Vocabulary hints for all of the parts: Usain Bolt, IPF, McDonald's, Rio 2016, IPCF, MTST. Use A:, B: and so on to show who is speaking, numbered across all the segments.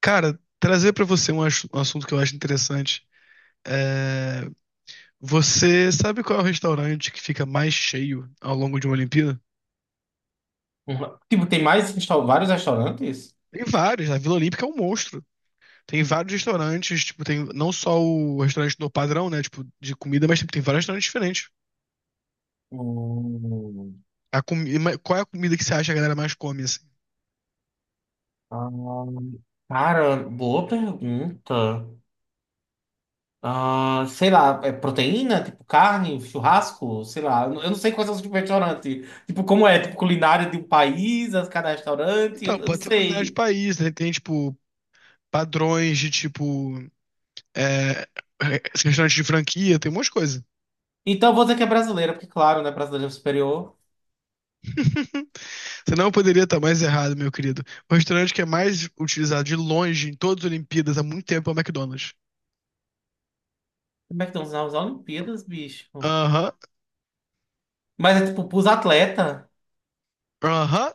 A: Cara, trazer pra você um assunto que eu acho interessante. É, você sabe qual é o restaurante que fica mais cheio ao longo de uma Olimpíada?
B: Uhum. Tipo, tem mais vários restaurantes?
A: Tem vários, a Vila Olímpica é um monstro. Tem vários restaurantes, tipo, tem não só o restaurante do padrão, né, tipo, de comida, mas tipo, tem vários restaurantes diferentes.
B: Hum.
A: Qual é a comida que você acha que a galera mais come, assim?
B: Ah, cara, boa pergunta. Ah, sei lá, é proteína, tipo carne, churrasco, sei lá. Eu não sei quais são os tipos de restaurante. Tipo, como é, tipo, culinária de um país, cada restaurante, eu
A: Então,
B: eu não
A: pode ser culinária de
B: sei.
A: país, né? Tem, tipo, padrões de, tipo, é, é, restaurantes de franquia, tem um monte de coisa.
B: Então eu vou dizer que é brasileira, porque claro, né, brasileira é superior.
A: Você não poderia estar mais errado, meu querido. O restaurante que é mais utilizado de longe em todas as Olimpíadas há muito tempo é o McDonald's.
B: Como é que estão nas Olimpíadas, bicho?
A: Aham,
B: Mas é tipo, pros atletas.
A: aham.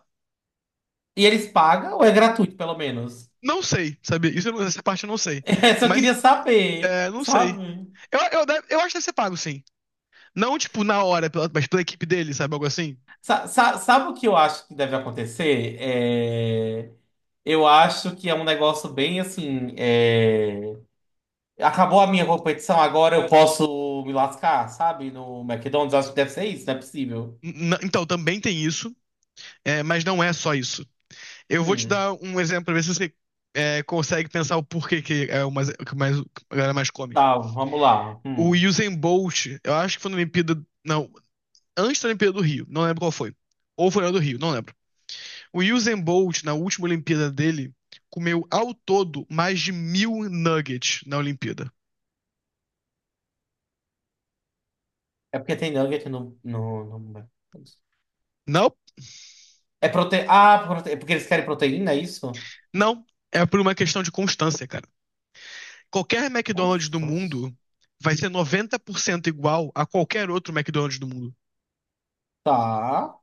B: E eles pagam ou é gratuito, pelo menos?
A: Não sei, sabe? Isso, eu não- essa parte eu não sei.
B: Essa eu
A: Mas,
B: queria saber,
A: é, não sei.
B: sabe?
A: Eu acho que deve ser pago, sim. Não, tipo, mas pela equipe dele, sabe? Algo assim.
B: Sabe o que eu acho que deve acontecer? Eu acho que é um negócio bem assim. Acabou a minha competição, agora eu posso me lascar, sabe? No McDonald's, acho que deve ser isso, não é possível.
A: Então, também tem isso, é, mas não é só isso. Eu vou te
B: Hum.
A: dar um exemplo pra ver se você consegue pensar o porquê que é o mais, o que mais, a galera mais come.
B: Tá, vamos lá.
A: O
B: Hum.
A: Usain Bolt, eu acho que foi na Olimpíada. Não, antes da Olimpíada do Rio, não lembro qual foi. Ou foi na do Rio, não lembro. O Usain Bolt, na última Olimpíada dele, comeu ao todo mais de 1.000 nuggets na Olimpíada.
B: É porque tem nugget no McDonald's.
A: Não,
B: É porque eles querem proteína, é isso?
A: não. É por uma questão de constância, cara. Qualquer McDonald's do
B: Nossa.
A: mundo vai ser 90% igual a qualquer outro McDonald's do mundo.
B: Tá.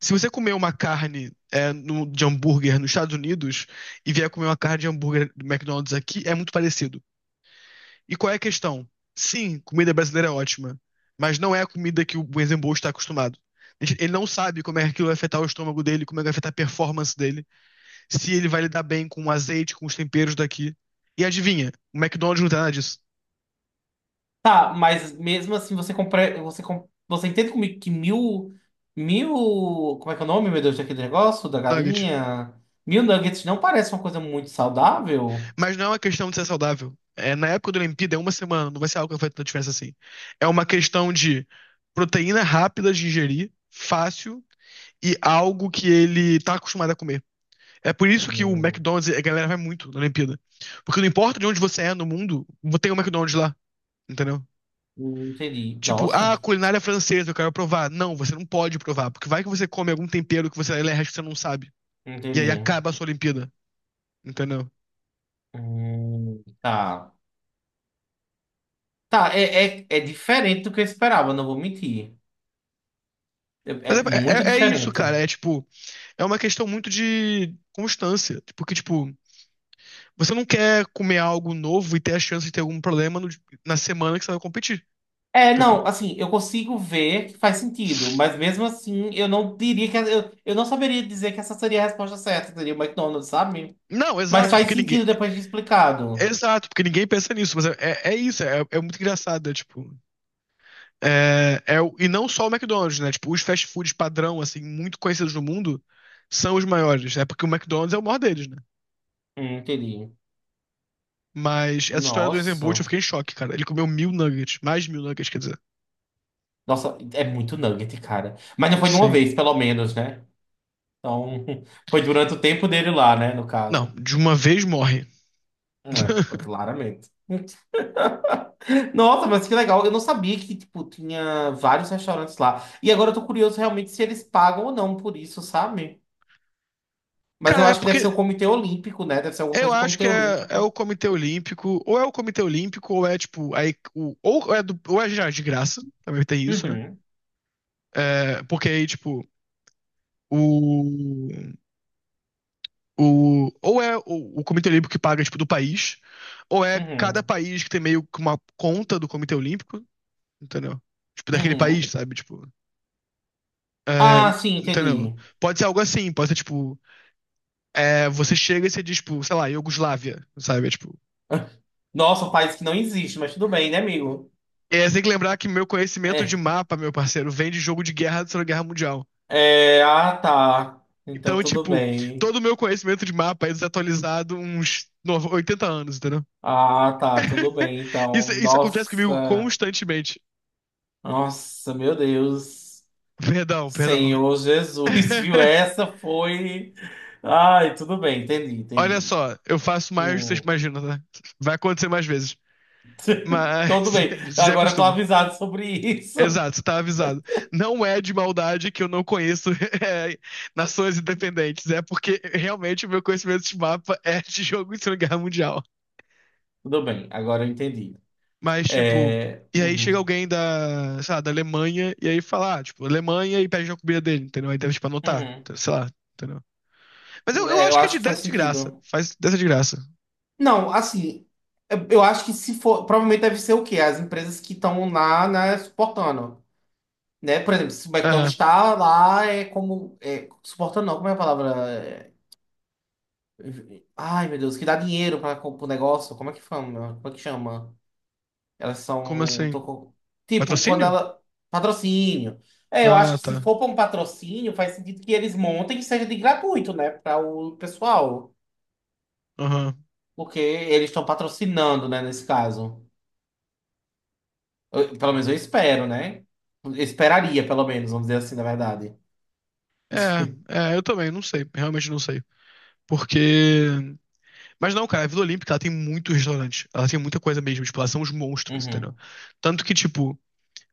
A: Se você comer uma carne de hambúrguer nos Estados Unidos e vier comer uma carne de hambúrguer do McDonald's aqui, é muito parecido. E qual é a questão? Sim, comida brasileira é ótima, mas não é a comida que o Usain Bolt está acostumado. Ele não sabe como é que aquilo vai afetar o estômago dele, como é que vai afetar a performance dele, se ele vai lidar bem com o azeite, com os temperos daqui. E adivinha, o McDonald's não tem nada disso.
B: Tá, mas mesmo assim você compra, você entende comigo que mil, mil, como é que é o nome, meu Deus, daquele negócio, da
A: Nugget.
B: galinha? Mil nuggets não parece uma coisa muito saudável?
A: Mas não é uma questão de ser saudável. É, na época do Olimpíada, é uma semana, não vai ser algo que vai fazer tanta diferença assim. É uma questão de proteína rápida de ingerir, fácil, e algo que ele tá acostumado a comer. É por isso que o
B: Hum.
A: McDonald's, a galera vai muito na Olimpíada. Porque não importa de onde você é no mundo, tem um McDonald's lá, entendeu?
B: Não entendi.
A: Tipo,
B: Nossa,
A: ah, culinária francesa, eu quero provar. Não, você não pode provar, porque vai que você come algum tempero que você não sabe.
B: não
A: E aí
B: entendi.
A: acaba a sua Olimpíada, entendeu?
B: Tá. Tá, é diferente do que eu esperava, não vou mentir. É,
A: Mas
B: é muito
A: é isso, cara.
B: diferente.
A: É tipo, é uma questão muito de constância. Porque, tipo, você não quer comer algo novo e ter a chance de ter algum problema na semana que você vai competir,
B: É,
A: entendeu?
B: não, assim, eu consigo ver que faz sentido, mas mesmo assim, eu não diria que. Eu não saberia dizer que essa seria a resposta certa, seria o McDonald's, sabe?
A: Não,
B: Mas
A: exato,
B: faz
A: porque ninguém.
B: sentido depois de explicado.
A: Exato, porque ninguém pensa nisso, mas é muito engraçado, é tipo. E não só o McDonald's, né? Tipo, os fast foods padrão, assim, muito conhecidos no mundo, são os maiores, né? Porque o McDonald's é o maior deles, né?
B: Entendi.
A: Mas essa história do Usain Bolt,
B: Nossa.
A: eu fiquei em choque, cara. Ele comeu 1.000 nuggets, mais de mil nuggets, quer dizer.
B: Nossa, é muito nugget, cara. Mas não foi de uma
A: Sim.
B: vez, pelo menos, né? Então, foi durante o tempo dele lá, né? No
A: Não,
B: caso.
A: de uma vez morre.
B: É, foi claramente. Nossa, mas que legal. Eu não sabia que, tipo, tinha vários restaurantes lá. E agora eu tô curioso realmente se eles pagam ou não por isso, sabe? Mas eu
A: Cara, é
B: acho que deve ser
A: porque
B: o Comitê Olímpico, né? Deve ser alguma
A: eu
B: coisa do
A: acho
B: Comitê
A: que é o
B: Olímpico.
A: Comitê Olímpico, ou é o Comitê Olímpico, ou é tipo, aí, o, ou é do, ou é já de graça, também tem isso, né?
B: Uhum,
A: É, porque aí, tipo, o O, ou é o Comitê Olímpico que paga, tipo, do país, ou é cada
B: uhum,
A: país que tem meio que uma conta do Comitê Olímpico, entendeu? Tipo, daquele
B: uhum.
A: país, sabe? Tipo, é,
B: Ah, sim,
A: entendeu?
B: entendi.
A: Pode ser algo assim, pode ser, tipo, é, você chega e você diz, tipo, sei lá, Iugoslávia, sabe? É, tipo,
B: Nossa, um país que não existe, mas tudo bem, né, amigo?
A: é, você tem que lembrar que meu conhecimento de
B: É.
A: mapa, meu parceiro, vem de jogo de guerra da Segunda Guerra Mundial.
B: É, ah, tá. Então
A: Então,
B: tudo
A: tipo,
B: bem.
A: todo o meu conhecimento de mapa é desatualizado uns 80 anos, entendeu?
B: Ah, tá, tudo bem.
A: Isso,
B: Então,
A: isso acontece comigo
B: nossa,
A: constantemente.
B: nossa, meu Deus.
A: Perdão, perdão.
B: Senhor Jesus, viu? Essa foi. Ai, tudo bem, entendi,
A: Olha
B: entendi.
A: só, eu faço mais do que vocês
B: Hum,
A: imaginam, tá? Vai acontecer mais vezes.
B: tudo
A: Mas
B: bem.
A: já
B: Agora eu tô
A: acostuma.
B: avisado sobre isso.
A: Exato, você tá avisado. Não é de maldade que eu não conheço é, nações independentes. É porque realmente o meu conhecimento de mapa é de jogo de Segunda Guerra Mundial.
B: Tudo bem, agora eu entendi.
A: Mas, tipo,
B: É,
A: e aí
B: uhum,
A: chega alguém da, sei lá, da Alemanha e aí fala, ah, tipo, Alemanha e pede a comida dele, entendeu? Aí deve, tipo, anotar,
B: uhum.
A: sei lá, entendeu? Mas eu
B: É, eu
A: acho que é de
B: acho que faz
A: dessa de graça.
B: sentido.
A: Faz dessa de graça.
B: Não, assim, eu acho que se for, provavelmente deve ser o quê? As empresas que estão lá, né, suportando, né? Por exemplo, se o McDonald's
A: É,
B: está lá, é como, é, suportando não, como é a palavra? É, ai, meu Deus, que dá dinheiro para o negócio, como é que chama? Como é que chama? Elas
A: como
B: são, tô
A: assim?
B: co- Tipo, quando
A: Patrocínio?
B: ela, patrocínio. É, eu acho
A: Ah,
B: que se
A: tá.
B: for para um patrocínio, faz sentido que eles montem que seja de gratuito, né, para o pessoal,
A: Aham.
B: porque eles estão patrocinando, né, nesse caso. Pelo menos eu espero, né? Eu Esperaria, pelo menos, vamos dizer assim, na verdade.
A: Eu também, não sei. Realmente não sei. Porque. Mas não, cara, a Vila Olímpica, ela tem muito restaurante. Ela tem muita coisa mesmo. Tipo, ela são os monstros, entendeu?
B: Uhum.
A: Tanto que, tipo,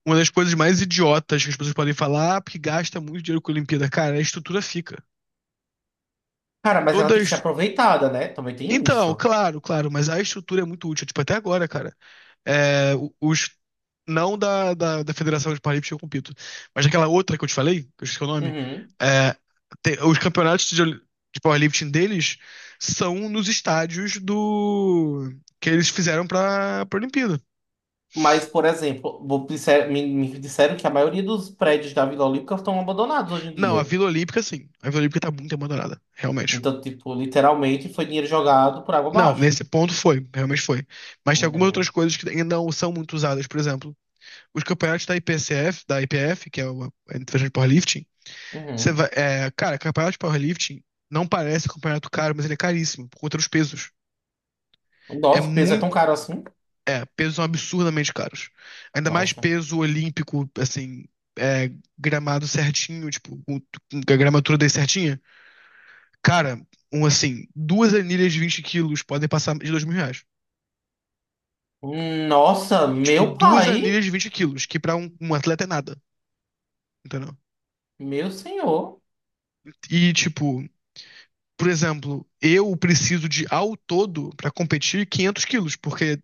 A: uma das coisas mais idiotas que as pessoas podem falar, ah, porque gasta muito dinheiro com a Olimpíada. Cara, a estrutura fica.
B: Cara, mas ela
A: Toda a
B: tem que ser
A: estru...
B: aproveitada, né? Também tem
A: Então,
B: isso.
A: claro, claro, mas a estrutura é muito útil. Tipo, até agora, cara. É, os não da Federação de Paralímpico eu compito, mas aquela outra que eu te falei, que eu esqueci o nome,
B: Uhum.
A: é, os campeonatos de powerlifting deles são nos estádios do que eles fizeram para a Olimpíada.
B: Mas, por exemplo, me, me disseram que a maioria dos prédios da Vila Olímpica estão abandonados hoje em
A: Não, a
B: dia.
A: Vila Olímpica sim, a Vila Olímpica tá muito abandonada, realmente.
B: Então, tipo, literalmente foi dinheiro jogado por água
A: Não,
B: abaixo.
A: nesse ponto foi, realmente foi. Mas tem algumas outras
B: Entendeu?
A: coisas que ainda não são muito usadas, por exemplo, os campeonatos da IPCF, da IPF, que é a Federação de Powerlifting. Você
B: Uhum.
A: vai, é, cara, campeonato de powerlifting não parece campeonato caro, mas ele é caríssimo por conta dos pesos. É
B: Nossa, o peso é tão
A: muito.
B: caro assim?
A: É, pesos são absurdamente caros. Ainda mais
B: Nossa.
A: peso olímpico, assim, é, gramado certinho, tipo, com a gramatura dele certinha. Cara, um assim, duas anilhas de 20 quilos podem passar de 2.000 reais.
B: Nossa,
A: E, tipo,
B: meu
A: duas
B: pai.
A: anilhas de 20 quilos, que pra um atleta é nada, entendeu?
B: Meu senhor.
A: E, tipo, por exemplo, eu preciso de, ao todo, pra competir, 500 quilos, porque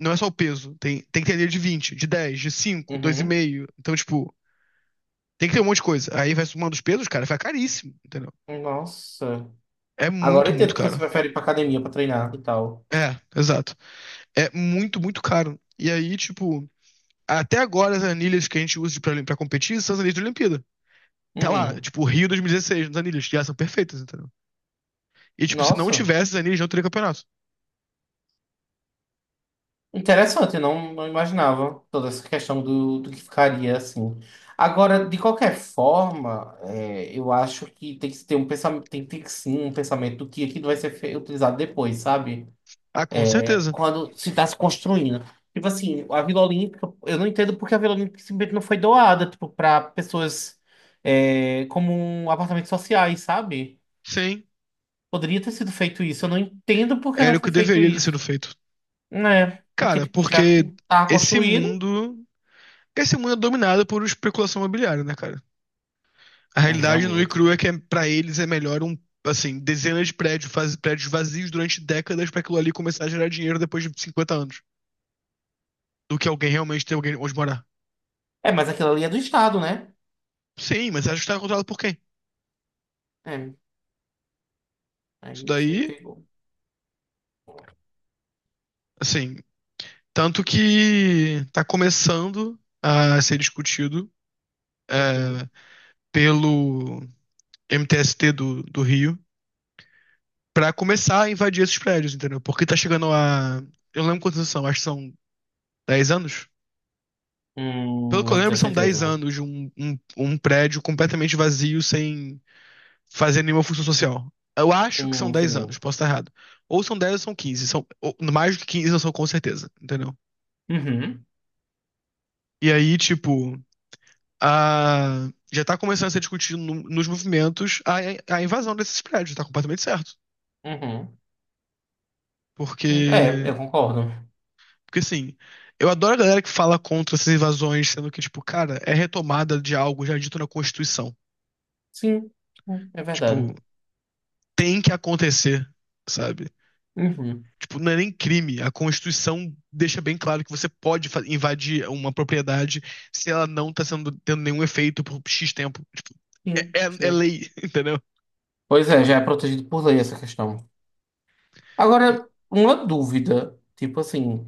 A: não é só o peso. Tem, tem que ter dele de 20, de 10, de cinco, dois e
B: Uhum.
A: meio. Então, tipo, tem que ter um monte de coisa. Aí vai somando os pesos, cara, fica caríssimo, entendeu?
B: Nossa.
A: É
B: Agora
A: muito,
B: eu entendo
A: muito
B: porque você
A: caro.
B: prefere ir pra academia pra treinar e tal.
A: É, exato. É muito, muito caro. E aí, tipo, até agora as anilhas que a gente usa pra competir são as anilhas de Olimpíada. Tá lá,
B: Uhum.
A: tipo, Rio 2016, nas anilhas, que elas são perfeitas, entendeu? E, tipo, se não
B: Nossa,
A: tivesse as anilhas, não teria campeonato.
B: interessante, eu não, não imaginava toda essa questão do, do que ficaria assim. Agora, de qualquer forma, é, eu acho que tem que ter um pensamento, tem que ter sim um pensamento do que aquilo vai ser utilizado depois, sabe?
A: Ah, com certeza.
B: Quando se está se construindo. Tipo assim, a Vila Olímpica, eu não entendo porque a Vila Olímpica simplesmente não foi doada, tipo, para pessoas é, como apartamentos sociais, sabe?
A: Sim,
B: Poderia ter sido feito isso. Eu não entendo por que não
A: era o
B: foi
A: que
B: feito
A: deveria ter sido
B: isso.
A: feito.
B: Né? Porque,
A: Cara,
B: tipo, já que
A: porque
B: tá
A: esse
B: construído.
A: mundo porque esse mundo é dominado por especulação imobiliária, né, cara? A
B: É,
A: realidade nua e
B: realmente.
A: crua é que para eles é melhor assim, dezenas de prédios, prédios vazios durante décadas pra aquilo ali começar a gerar dinheiro depois de 50 anos, do que alguém realmente ter alguém onde morar.
B: É, mas aquilo ali é do Estado, né?
A: Sim, mas acho que tá controlado por quem?
B: É.
A: Isso
B: Aí você me
A: daí,
B: pegou.
A: assim, tanto que tá começando a ser discutido
B: Uhum.
A: é, pelo MTST do Rio pra começar a invadir esses prédios, entendeu? Porque tá chegando a. Eu não lembro quantos anos são, acho que são 10 anos. Pelo que eu
B: Não
A: lembro,
B: tenho
A: são
B: certeza,
A: 10
B: né?
A: anos de um prédio completamente vazio, sem fazer nenhuma função social. Eu acho que são 10 anos,
B: Entendi.
A: posso estar errado. Ou são 10 ou são 15? São, mais do que 15 eu sou com certeza, entendeu?
B: Uhum.
A: E aí, tipo, a, já tá começando a ser discutido nos movimentos a invasão desses prédios, tá completamente certo.
B: Uhum. É,
A: Porque,
B: eu concordo.
A: porque assim, eu adoro a galera que fala contra essas invasões, sendo que, tipo, cara, é retomada de algo já dito na Constituição.
B: Sim, sim, é
A: Tipo,
B: verdade.
A: tem que acontecer, sabe?
B: Uhum.
A: Tipo, não é nem crime. A Constituição deixa bem claro que você pode invadir uma propriedade se ela não tá sendo, tendo nenhum efeito por X tempo.
B: Sim,
A: É
B: sim.
A: lei, entendeu?
B: Pois é, já é protegido por lei essa questão. Agora, uma dúvida, tipo assim,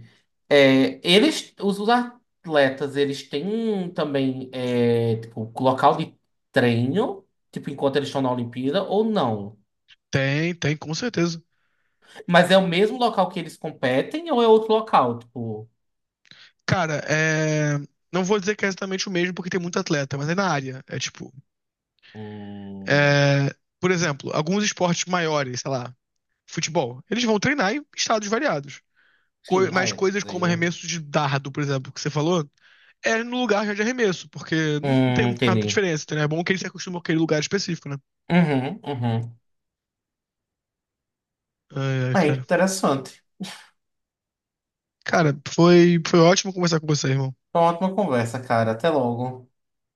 B: é, eles, os atletas, eles têm também, é, tipo, local de treino, tipo, enquanto eles estão na Olimpíada, ou não?
A: Tem, tem, com certeza.
B: Mas é o mesmo local que eles competem, ou é outro local, tipo,
A: Cara, é... Não vou dizer que é exatamente o mesmo, porque tem muito atleta, mas é na área. É tipo.
B: hum,
A: É, por exemplo, alguns esportes maiores, sei lá, futebol, eles vão treinar em estados variados.
B: sim, ah,
A: Mas
B: é,
A: coisas
B: sei,
A: como
B: né?
A: arremesso de dardo, por exemplo, que você falou. É no lugar de arremesso, porque não tem muita
B: Entendi.
A: diferença, entendeu? É bom que ele se acostuma com aquele lugar específico, né?
B: Uhum, uhum.
A: Ai, ai,
B: É
A: cara.
B: interessante.
A: Cara, foi ótimo conversar com você, irmão.
B: Foi uma ótima conversa, cara. Até logo.